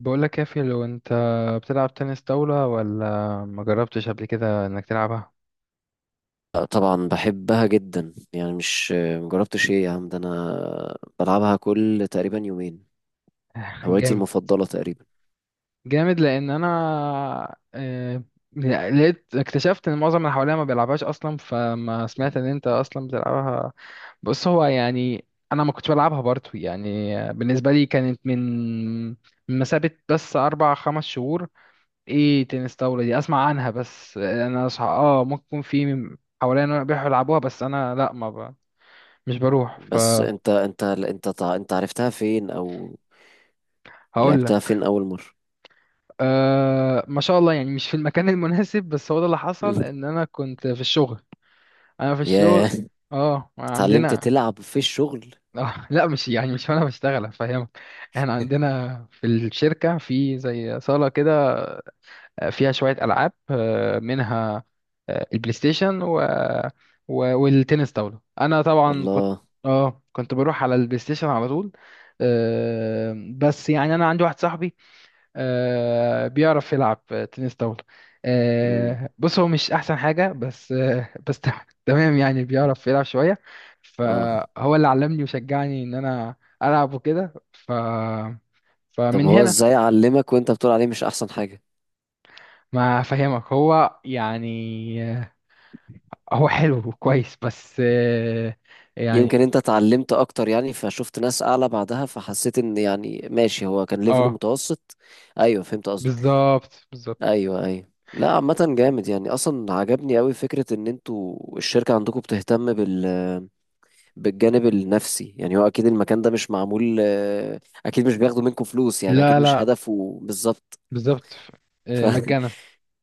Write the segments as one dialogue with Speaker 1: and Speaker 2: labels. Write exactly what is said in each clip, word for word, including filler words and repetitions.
Speaker 1: بقول لك يا في لو انت بتلعب تنس طاولة، ولا ما جربتش قبل كده انك تلعبها؟
Speaker 2: لا، طبعا بحبها جدا يعني مش مجربتش؟ ايه يا عم، ده انا بلعبها كل تقريبا يومين، هوايتي
Speaker 1: جامد،
Speaker 2: المفضلة تقريبا.
Speaker 1: جامد! لان انا آه، لقيت اكتشفت ان معظم اللي حواليا ما بيلعبهاش اصلا، فما سمعت ان انت اصلا بتلعبها. بص، هو يعني انا ما كنتش بلعبها برضه، يعني بالنسبة لي كانت من من مسافة بس اربع خمس شهور، ايه تنس طاولة دي؟ اسمع عنها بس، آه، انا صح، اه ممكن يكون في حواليا بيحبوا يلعبوها، بس انا لا، ما ب... مش بروح.
Speaker 2: بس انت انت انت تع- انت عرفتها فين، او
Speaker 1: هقول
Speaker 2: لعبتها
Speaker 1: لك.
Speaker 2: فين اول مرة؟
Speaker 1: أه ما شاء الله، يعني مش في المكان المناسب، بس هو ده اللي حصل
Speaker 2: مم.
Speaker 1: ان انا كنت في الشغل. انا في الشغل.
Speaker 2: ياه،
Speaker 1: اه
Speaker 2: اتعلمت
Speaker 1: عندنا
Speaker 2: تلعب في الشغل؟
Speaker 1: آه لا، مش يعني مش وانا بشتغل، افهمك. احنا عندنا في الشركة في زي صالة كده، فيها شوية ألعاب، آه، منها آه، البلاي ستيشن و... و... والتنس طاولة. أنا طبعا كنت
Speaker 2: الله.
Speaker 1: اه كنت بروح على البلاي ستيشن على طول، آه، بس يعني أنا عندي واحد صاحبي، آه، بيعرف يلعب تنس طاولة.
Speaker 2: مم.
Speaker 1: آه، بص، هو مش أحسن حاجة بس آه، بس تم- تمام، يعني بيعرف يلعب شوية،
Speaker 2: اه،
Speaker 1: فهو اللي علمني وشجعني إن أنا ألعب وكده، ف
Speaker 2: طب
Speaker 1: فمن
Speaker 2: هو
Speaker 1: هنا.
Speaker 2: ازاي علمك وانت بتقول عليه مش احسن حاجة؟
Speaker 1: ما أفهمك، هو يعني آه، هو حلو وكويس بس، آه، يعني.
Speaker 2: يمكن انت اتعلمت اكتر يعني، فشفت ناس اعلى بعدها، فحسيت ان يعني ماشي، هو كان ليفله
Speaker 1: اه،
Speaker 2: متوسط. ايوه فهمت قصدك.
Speaker 1: بالظبط، بالظبط.
Speaker 2: ايوه ايوه، لا عامة جامد يعني، اصلا عجبني قوي فكرة ان انتوا الشركة عندكم بتهتم بال بالجانب النفسي، يعني هو اكيد المكان ده مش معمول، آه، اكيد مش بياخدوا منكم فلوس يعني، اكيد
Speaker 1: لا،
Speaker 2: مش
Speaker 1: لا،
Speaker 2: هدفه بالظبط.
Speaker 1: بالظبط.
Speaker 2: ف
Speaker 1: آه، مجانا.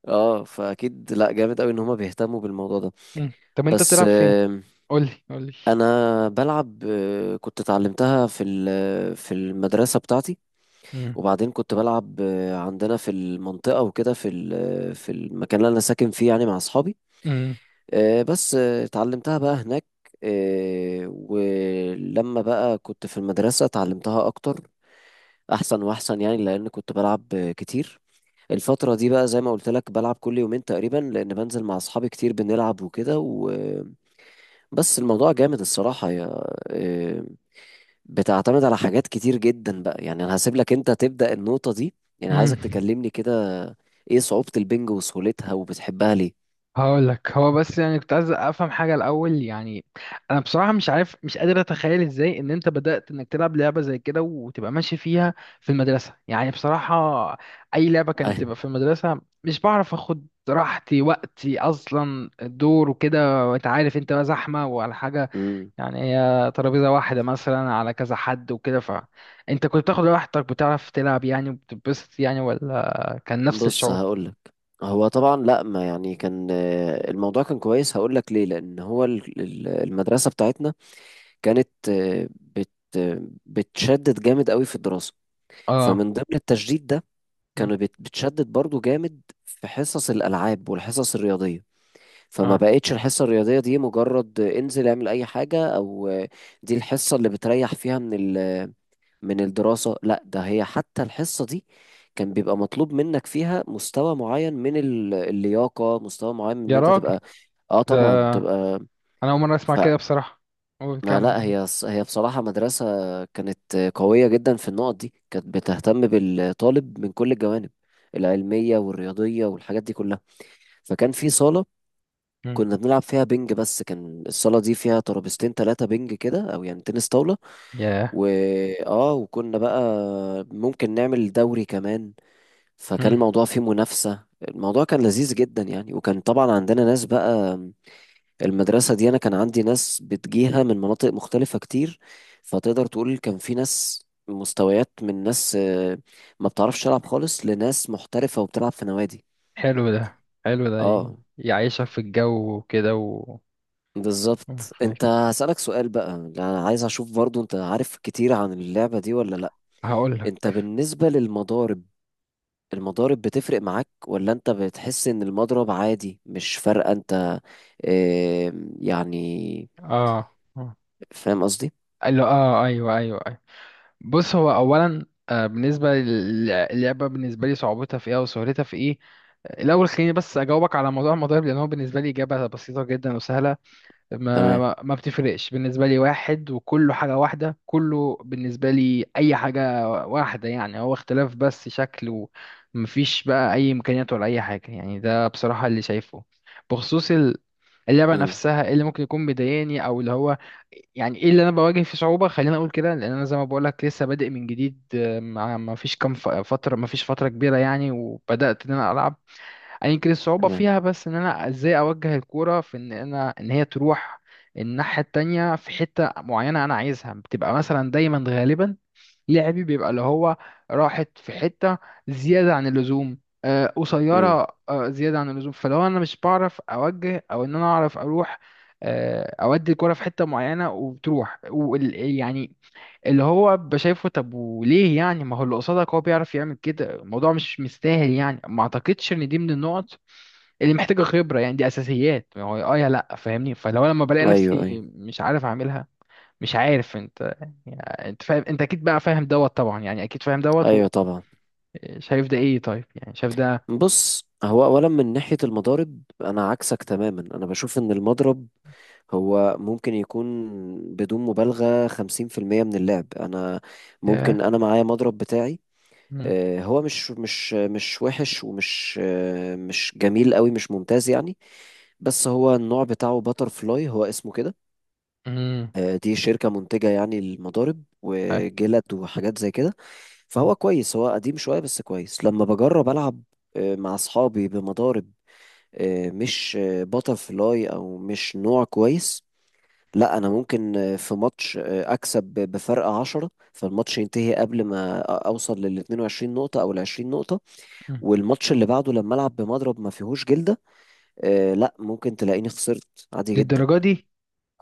Speaker 2: اه، فاكيد لا، جامد قوي ان هما بيهتموا بالموضوع ده.
Speaker 1: مم. طب انت
Speaker 2: بس،
Speaker 1: بتلعب فين؟
Speaker 2: آه،
Speaker 1: قولي، قولي.
Speaker 2: انا بلعب، آه، كنت اتعلمتها في ال- في المدرسة بتاعتي،
Speaker 1: مم.
Speaker 2: وبعدين كنت بلعب آه، عندنا في المنطقة وكده، في ال- في المكان اللي انا ساكن فيه يعني، مع اصحابي.
Speaker 1: مم.
Speaker 2: آه، بس، آه، اتعلمتها بقى هناك. آه، ولما بقى كنت في المدرسة اتعلمتها أكتر، أحسن وأحسن يعني، لأن كنت بلعب آه، كتير. الفترة دي بقى زي ما قلت لك بلعب كل يومين تقريبا، لأن بنزل مع أصحابي كتير بنلعب وكده و... بس الموضوع جامد الصراحة، يا آه، بتعتمد على حاجات كتير جدا بقى، يعني أنا هسيب لك أنت تبدأ النقطة دي يعني، عايزك
Speaker 1: مم.
Speaker 2: تكلمني كده، إيه صعوبة البنج وسهولتها وبتحبها ليه؟
Speaker 1: هقول لك، هو بس يعني كنت عايز افهم حاجه الاول، يعني انا بصراحه مش عارف، مش قادر اتخيل ازاي ان انت بدات انك تلعب لعبه زي كده وتبقى ماشي فيها في المدرسه، يعني بصراحه اي لعبه كانت بتبقى في المدرسه مش بعرف اخد راحتي وقتي اصلا، الدور وكده وانت عارف، انت بقى زحمه وعلى حاجه،
Speaker 2: أيوة.
Speaker 1: يعني هي ترابيزه واحده مثلا على كذا حد وكده، فانت كنت بتاخد راحتك بتعرف تلعب يعني، وبتتبسط يعني، ولا كان نفس
Speaker 2: بص
Speaker 1: الشعور؟
Speaker 2: هقولك، هو طبعا لا ما يعني كان، آه، الموضوع كان كويس. هقولك ليه، لأن هو ال- ال- المدرسة بتاعتنا كانت، آه، بت آه، بتشدد جامد قوي في الدراسة.
Speaker 1: اه.
Speaker 2: فمن ضمن التشديد ده،
Speaker 1: مم.
Speaker 2: كانوا بت- بتشدد برضو جامد في حصص الألعاب والحصص الرياضية. فما
Speaker 1: اه،
Speaker 2: بقتش الحصة الرياضية دي مجرد آه، انزل اعمل أي حاجة، أو آه، دي الحصة اللي بتريح فيها من ال من الدراسة، لا ده هي حتى الحصة دي كان بيبقى مطلوب منك فيها مستوى معين من ال- اللياقة، مستوى معين من ان
Speaker 1: يا
Speaker 2: انت
Speaker 1: راجل!
Speaker 2: تبقى، اه
Speaker 1: ده
Speaker 2: طبعا تبقى.
Speaker 1: انا اول مره اسمع
Speaker 2: فما
Speaker 1: كده بصراحه. قول كم.
Speaker 2: لا هي ص- هي بصراحة مدرسة كانت قوية جدا في النقط دي، كانت بتهتم بالطالب من كل الجوانب، العلمية والرياضية والحاجات دي كلها. فكان في صالة
Speaker 1: مم.
Speaker 2: كنا بنلعب فيها بينج، بس كان الصالة دي فيها ترابيزتين تلاتة بينج كده، أو يعني تنس طاولة.
Speaker 1: ياه.
Speaker 2: وآه، وكنا بقى ممكن نعمل دوري كمان، فكان
Speaker 1: مم.
Speaker 2: الموضوع فيه منافسة، الموضوع كان لذيذ جدا يعني، وكان طبعا عندنا ناس بقى. المدرسة دي أنا كان عندي ناس بتجيها من مناطق مختلفة كتير، فتقدر تقول كان في ناس مستويات، من ناس آه، ما بتعرفش تلعب خالص، لناس محترفة وبتلعب في نوادي.
Speaker 1: حلو ده، حلو ده، ي-
Speaker 2: اه،
Speaker 1: يعيشها في الجو وكده و. مم،
Speaker 2: بالظبط.
Speaker 1: خليك.
Speaker 2: انت هسألك سؤال بقى، انا عايز اشوف برضو انت عارف كتير عن اللعبة دي ولا لا.
Speaker 1: هقول
Speaker 2: انت
Speaker 1: لك.
Speaker 2: بالنسبة للمضارب، المضارب بتفرق معاك، ولا انت بتحس ان المضرب عادي مش فارقة؟ انت اه يعني،
Speaker 1: اه، آه.
Speaker 2: فاهم قصدي؟
Speaker 1: قال له اه، ايوه، ايوه، ايوه. بص، هو اولا آه بالنسبه للعبه، بالنسبه لي صعوبتها في ايه وسهولتها في ايه؟ الاول خليني بس اجاوبك على موضوع المضارب، لان هو بالنسبه لي اجابه بسيطه جدا وسهله. ما
Speaker 2: تمام.
Speaker 1: ما ما بتفرقش بالنسبة لي، واحد وكله حاجة واحدة، كله بالنسبة لي أي حاجة واحدة، يعني هو اختلاف بس شكل، ومفيش بقى أي إمكانيات ولا أي حاجة، يعني ده بصراحة اللي شايفه. بخصوص ال- اللعبة
Speaker 2: امم.
Speaker 1: نفسها، إيه اللي ممكن يكون مضايقني أو اللي هو يعني، إيه اللي أنا بواجه فيه صعوبة؟ خليني أقول كده لأن أنا زي ما بقولك لسه بادئ من جديد، آه، مع ما فيش كام ف- فترة، ما فيش فترة كبيرة يعني، وبدأت إن أنا ألعب. يعني يمكن الصعوبة
Speaker 2: تمام.
Speaker 1: فيها بس ان انا ازاي اوجه الكورة في ان انا ان هي تروح الناحية التانية في حتة معينة انا عايزها، بتبقى مثلا دايما غالبا لعبي بيبقى اللي هو راحت في حتة زيادة عن اللزوم، آه،
Speaker 2: امم،
Speaker 1: قصيرة آه، زيادة عن اللزوم. فلو انا مش بعرف اوجه، او ان انا اعرف اروح آه، اودي الكرة في حتة معينة وبتروح، وال- يعني اللي هو بشايفه، طب وليه يعني؟ ما هو اللي قصادك هو بيعرف يعمل كده، الموضوع مش مستاهل يعني، ما اعتقدش ان دي من النقط اللي محتاجة خبرة، يعني دي اساسيات، ما هو اه يا لا فاهمني، فلو لما بلاقي
Speaker 2: ايوه
Speaker 1: نفسي
Speaker 2: ايوه
Speaker 1: مش عارف اعملها مش عارف، انت يعني انت فاهم، انت اكيد بقى فاهم دوت طبعا، يعني اكيد فاهم دوت،
Speaker 2: ايوه، طبعا.
Speaker 1: وشايف ده ايه؟ طيب يعني شايف ده.
Speaker 2: بص، هو اولا من ناحية المضارب انا عكسك تماما. انا بشوف ان المضرب هو ممكن يكون، بدون مبالغة، خمسين في المية من اللعب. أنا
Speaker 1: ياه.
Speaker 2: ممكن، أنا معايا مضرب بتاعي،
Speaker 1: مم.
Speaker 2: آه، هو مش مش مش وحش، ومش آه، مش جميل قوي، مش ممتاز يعني. بس هو النوع بتاعه باتر فلاي، هو اسمه كده.
Speaker 1: مم.
Speaker 2: آه، دي شركة منتجة يعني المضارب
Speaker 1: أي.
Speaker 2: وجلد وحاجات زي كده.
Speaker 1: مم.
Speaker 2: فهو كويس، هو قديم شوية بس كويس. لما بجرب ألعب آه، مع أصحابي بمضارب آه، مش باتر فلاي أو مش نوع كويس، لا أنا ممكن آه، في ماتش آه، أكسب بفرق عشرة، فالماتش ينتهي قبل ما أوصل لل اتنين وعشرين نقطة أو ال عشرين نقطة.
Speaker 1: مم.
Speaker 2: والماتش اللي بعده لما العب بمضرب ما فيهوش جلده، آه لا ممكن تلاقيني خسرت عادي جدا.
Speaker 1: للدرجة دي؟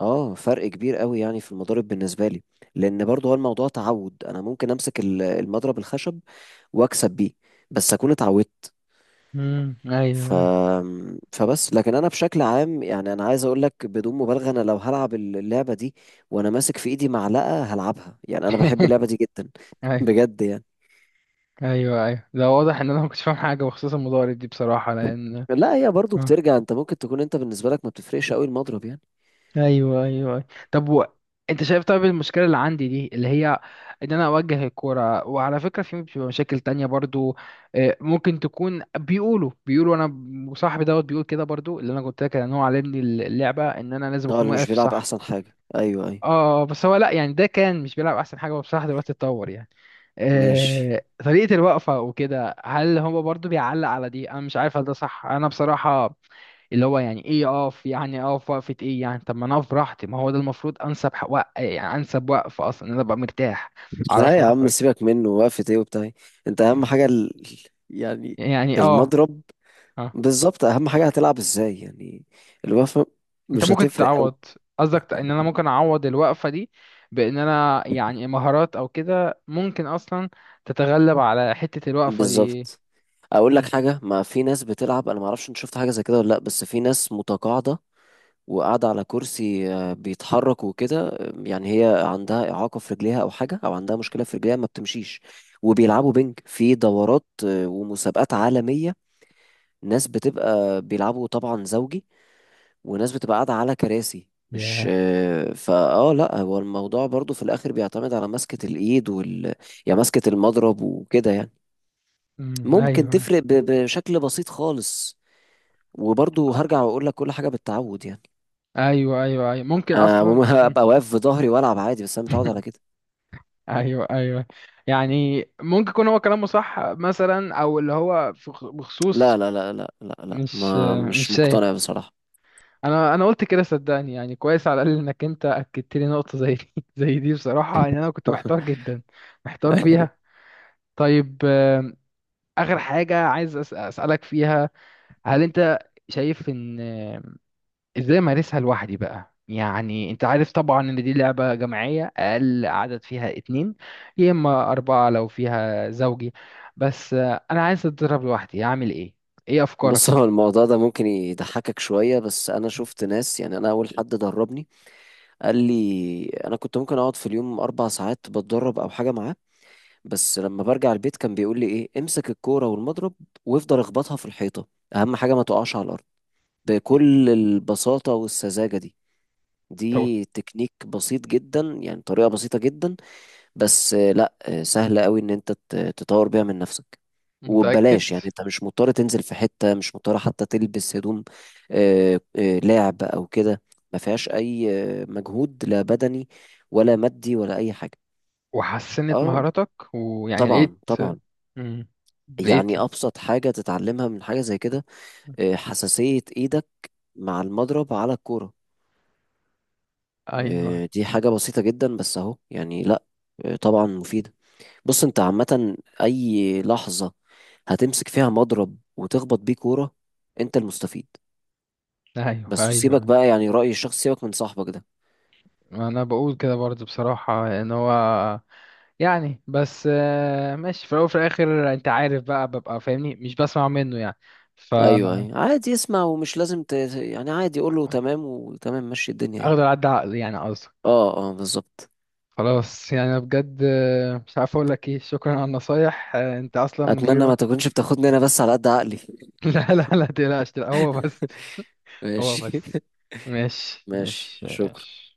Speaker 2: اه فرق كبير قوي يعني في المضارب بالنسبه لي، لان برضه هو الموضوع تعود. انا ممكن امسك ال- المضرب الخشب واكسب بيه، بس اكون اتعودت.
Speaker 1: مم.
Speaker 2: ف...
Speaker 1: ايوه،
Speaker 2: فبس، لكن انا بشكل عام يعني، انا عايز اقول لك بدون مبالغه، انا لو هلعب اللعبه دي وانا ماسك في ايدي معلقه هلعبها، يعني انا بحب اللعبه دي جدا.
Speaker 1: ايوه.
Speaker 2: بجد يعني.
Speaker 1: ايوه، ايوه، ده واضح ان انا ما كنتش فاهم حاجه بخصوص المضارب دي بصراحه، لان
Speaker 2: لا هي برضه
Speaker 1: آه.
Speaker 2: بترجع، انت ممكن تكون انت بالنسبه لك ما بتفرقش قوي المضرب يعني.
Speaker 1: ايوه، ايوه، أيوة. طب و. انت شايف طيب المشكله اللي عندي دي اللي هي ان انا اوجه الكوره، وعلى فكره في بتبقى مشاكل تانية برضو، آه، ممكن تكون بيقولوا بيقولوا انا ب- وصاحبي دوت بيقول كده برضو، اللي انا قلت لك ان هو علمني اللعبه، ان انا لازم
Speaker 2: اه
Speaker 1: اكون
Speaker 2: اللي مش
Speaker 1: واقف
Speaker 2: بيلعب
Speaker 1: صح.
Speaker 2: احسن حاجة، ايوه ايوه.
Speaker 1: اه، آه، بس هو لا يعني، ده كان مش بيلعب احسن حاجه، هو بصراحه دلوقتي اتطور يعني،
Speaker 2: ماشي.
Speaker 1: آه، طريقة الوقفة وكده، هل هو برضو بيعلق على دي؟ انا مش عارف هل ده صح، انا بصراحة اللي هو يعني، ايه اقف يعني؟ اقف وقفة ايه يعني؟ طب ما انا اقف براحتي، ما هو ده المفروض انسب حق وق... يعني انسب وقف اصلا، إن انا ابقى مرتاح،
Speaker 2: لا
Speaker 1: اعرف
Speaker 2: يا
Speaker 1: اروح
Speaker 2: عم،
Speaker 1: وأجي.
Speaker 2: سيبك منه، وقفة ايه وبتاع إيه؟ انت اهم حاجة ال... يعني
Speaker 1: يعني اه.
Speaker 2: المضرب.
Speaker 1: اه.
Speaker 2: بالظبط، اهم حاجة هتلعب ازاي يعني، الوقفة
Speaker 1: انت
Speaker 2: مش
Speaker 1: ممكن
Speaker 2: هتفرق قوي.
Speaker 1: تعوض، قصدك ت- ان انا ممكن اعوض الوقفة دي بان انا يعني مهارات او كده؟ ممكن اصلا تتغلب على حتة الوقفة دي إيه؟
Speaker 2: بالظبط. اقول لك
Speaker 1: امم.
Speaker 2: حاجة، ما في ناس بتلعب، انا ما اعرفش انت شفت حاجة زي كده ولا لا، بس في ناس متقاعدة وقاعدة على كرسي آه، بيتحرك وكده، آه، يعني هي عندها إعاقة في رجليها أو حاجة، أو عندها مشكلة في رجليها ما بتمشيش، وبيلعبوا بينج في دورات آه، ومسابقات عالمية. ناس بتبقى بيلعبوا طبعا زوجي، وناس بتبقى قاعدة على كراسي، مش
Speaker 1: ياه.
Speaker 2: آه، فاه لا هو الموضوع برضو في الاخر بيعتمد على مسكة الايد وال يعني مسكة المضرب وكده يعني.
Speaker 1: امم،
Speaker 2: ممكن
Speaker 1: ايوه.
Speaker 2: تفرق ب... بشكل بسيط خالص، وبرضو هرجع
Speaker 1: أيوه.
Speaker 2: واقول لك كل حاجة بالتعود يعني.
Speaker 1: ايوه، ايوه، ايوه، ممكن
Speaker 2: آه مم-
Speaker 1: اصلا. مم.
Speaker 2: هبقى واقف في ظهري والعب عادي، بس انا متعود على كده.
Speaker 1: ايوه، ايوه. يعني ممكن يكون هو كلامه صح مثلا، او اللي هو في خ- بخصوص.
Speaker 2: لا لا لا لا لا لا،
Speaker 1: مش
Speaker 2: ما
Speaker 1: مش
Speaker 2: مش
Speaker 1: شايف.
Speaker 2: مقتنع بصراحة.
Speaker 1: انا انا قلت كده، صدقني يعني، كويس على الاقل انك انت اكدت لي نقطه زي دي، زي دي بصراحه، ان انا كنت محتار جدا، محتار فيها. طيب آم، اخر حاجه عايز أس- اسالك فيها، هل انت شايف ان، ازاي امارسها لوحدي بقى؟ يعني انت عارف طبعا ان دي لعبة جماعية اقل عدد فيها اتنين، يا اما اربعة لو فيها زوجي، بس آه، انا عايز اتدرب لوحدي، اعمل ايه؟ ايه
Speaker 2: بص،
Speaker 1: افكارك؟
Speaker 2: هو الموضوع ده ممكن يضحكك شوية، بس أنا شفت ناس يعني. أنا أول حد دربني قال لي، انا كنت ممكن اقعد في اليوم اربع ساعات بتدرب او حاجه معاه، بس لما برجع البيت كان بيقول لي، ايه امسك الكوره والمضرب وافضل اخبطها في الحيطه، اهم حاجه ما تقعش على الارض. بكل البساطه والسذاجه دي،
Speaker 1: طب.
Speaker 2: دي تكنيك بسيط جدا يعني، طريقه بسيطه جدا. بس آه، لا، آه، سهل قوي ان انت ت- تطور بيها من نفسك
Speaker 1: متأكد؟
Speaker 2: وببلاش يعني، انت مش مضطر تنزل في حتة، مش مضطر حتى تلبس هدوم آه، آه، لاعب او كده. ما فيهاش اي آه، مجهود، لا بدني ولا مادي ولا اي حاجة.
Speaker 1: وحسنت
Speaker 2: اه
Speaker 1: مهاراتك؟ ويعني
Speaker 2: طبعا
Speaker 1: لقيت.
Speaker 2: طبعا،
Speaker 1: مم. لقيت.
Speaker 2: يعني ابسط حاجة تتعلمها من حاجة زي كده، آه، حساسية ايدك مع المضرب على الكورة.
Speaker 1: ايوه،
Speaker 2: آه، دي حاجة بسيطة جدا، بس اهو يعني، لا آه، طبعا مفيدة. بص، انت عامة اي لحظة هتمسك فيها مضرب وتخبط بيه كورة، انت المستفيد.
Speaker 1: ايوه،
Speaker 2: بس، وسيبك
Speaker 1: ايوه.
Speaker 2: بقى يعني رأي الشخص، سيبك من صاحبك ده.
Speaker 1: انا بقول كده برضه بصراحة، ان هو يعني بس آه، ماشي في الاول وفي الاخر، انت عارف بقى، ببقى فاهمني مش بسمع منه يعني،
Speaker 2: ايوه
Speaker 1: فا.
Speaker 2: ايوه، عادي اسمع ومش لازم ت... يعني عادي قول له تمام، وتمام مشي الدنيا يعني.
Speaker 1: اخدر عدى عقلي يعني، قصدي.
Speaker 2: اه اه بالظبط.
Speaker 1: خلاص يعني، أنا بجد آه، مش عارف اقول لك ايه، شكرا على النصايح، آه، انت اصلا من غير
Speaker 2: اتمنى
Speaker 1: ما.
Speaker 2: ما تكونش بتاخدني انا بس على قد عقلي.
Speaker 1: لا، لا، لا تقلقش، لا هو بس. هو
Speaker 2: ماشي.
Speaker 1: بس. ماشي،
Speaker 2: ماشي.
Speaker 1: ماشي،
Speaker 2: شكرا.
Speaker 1: ماشي.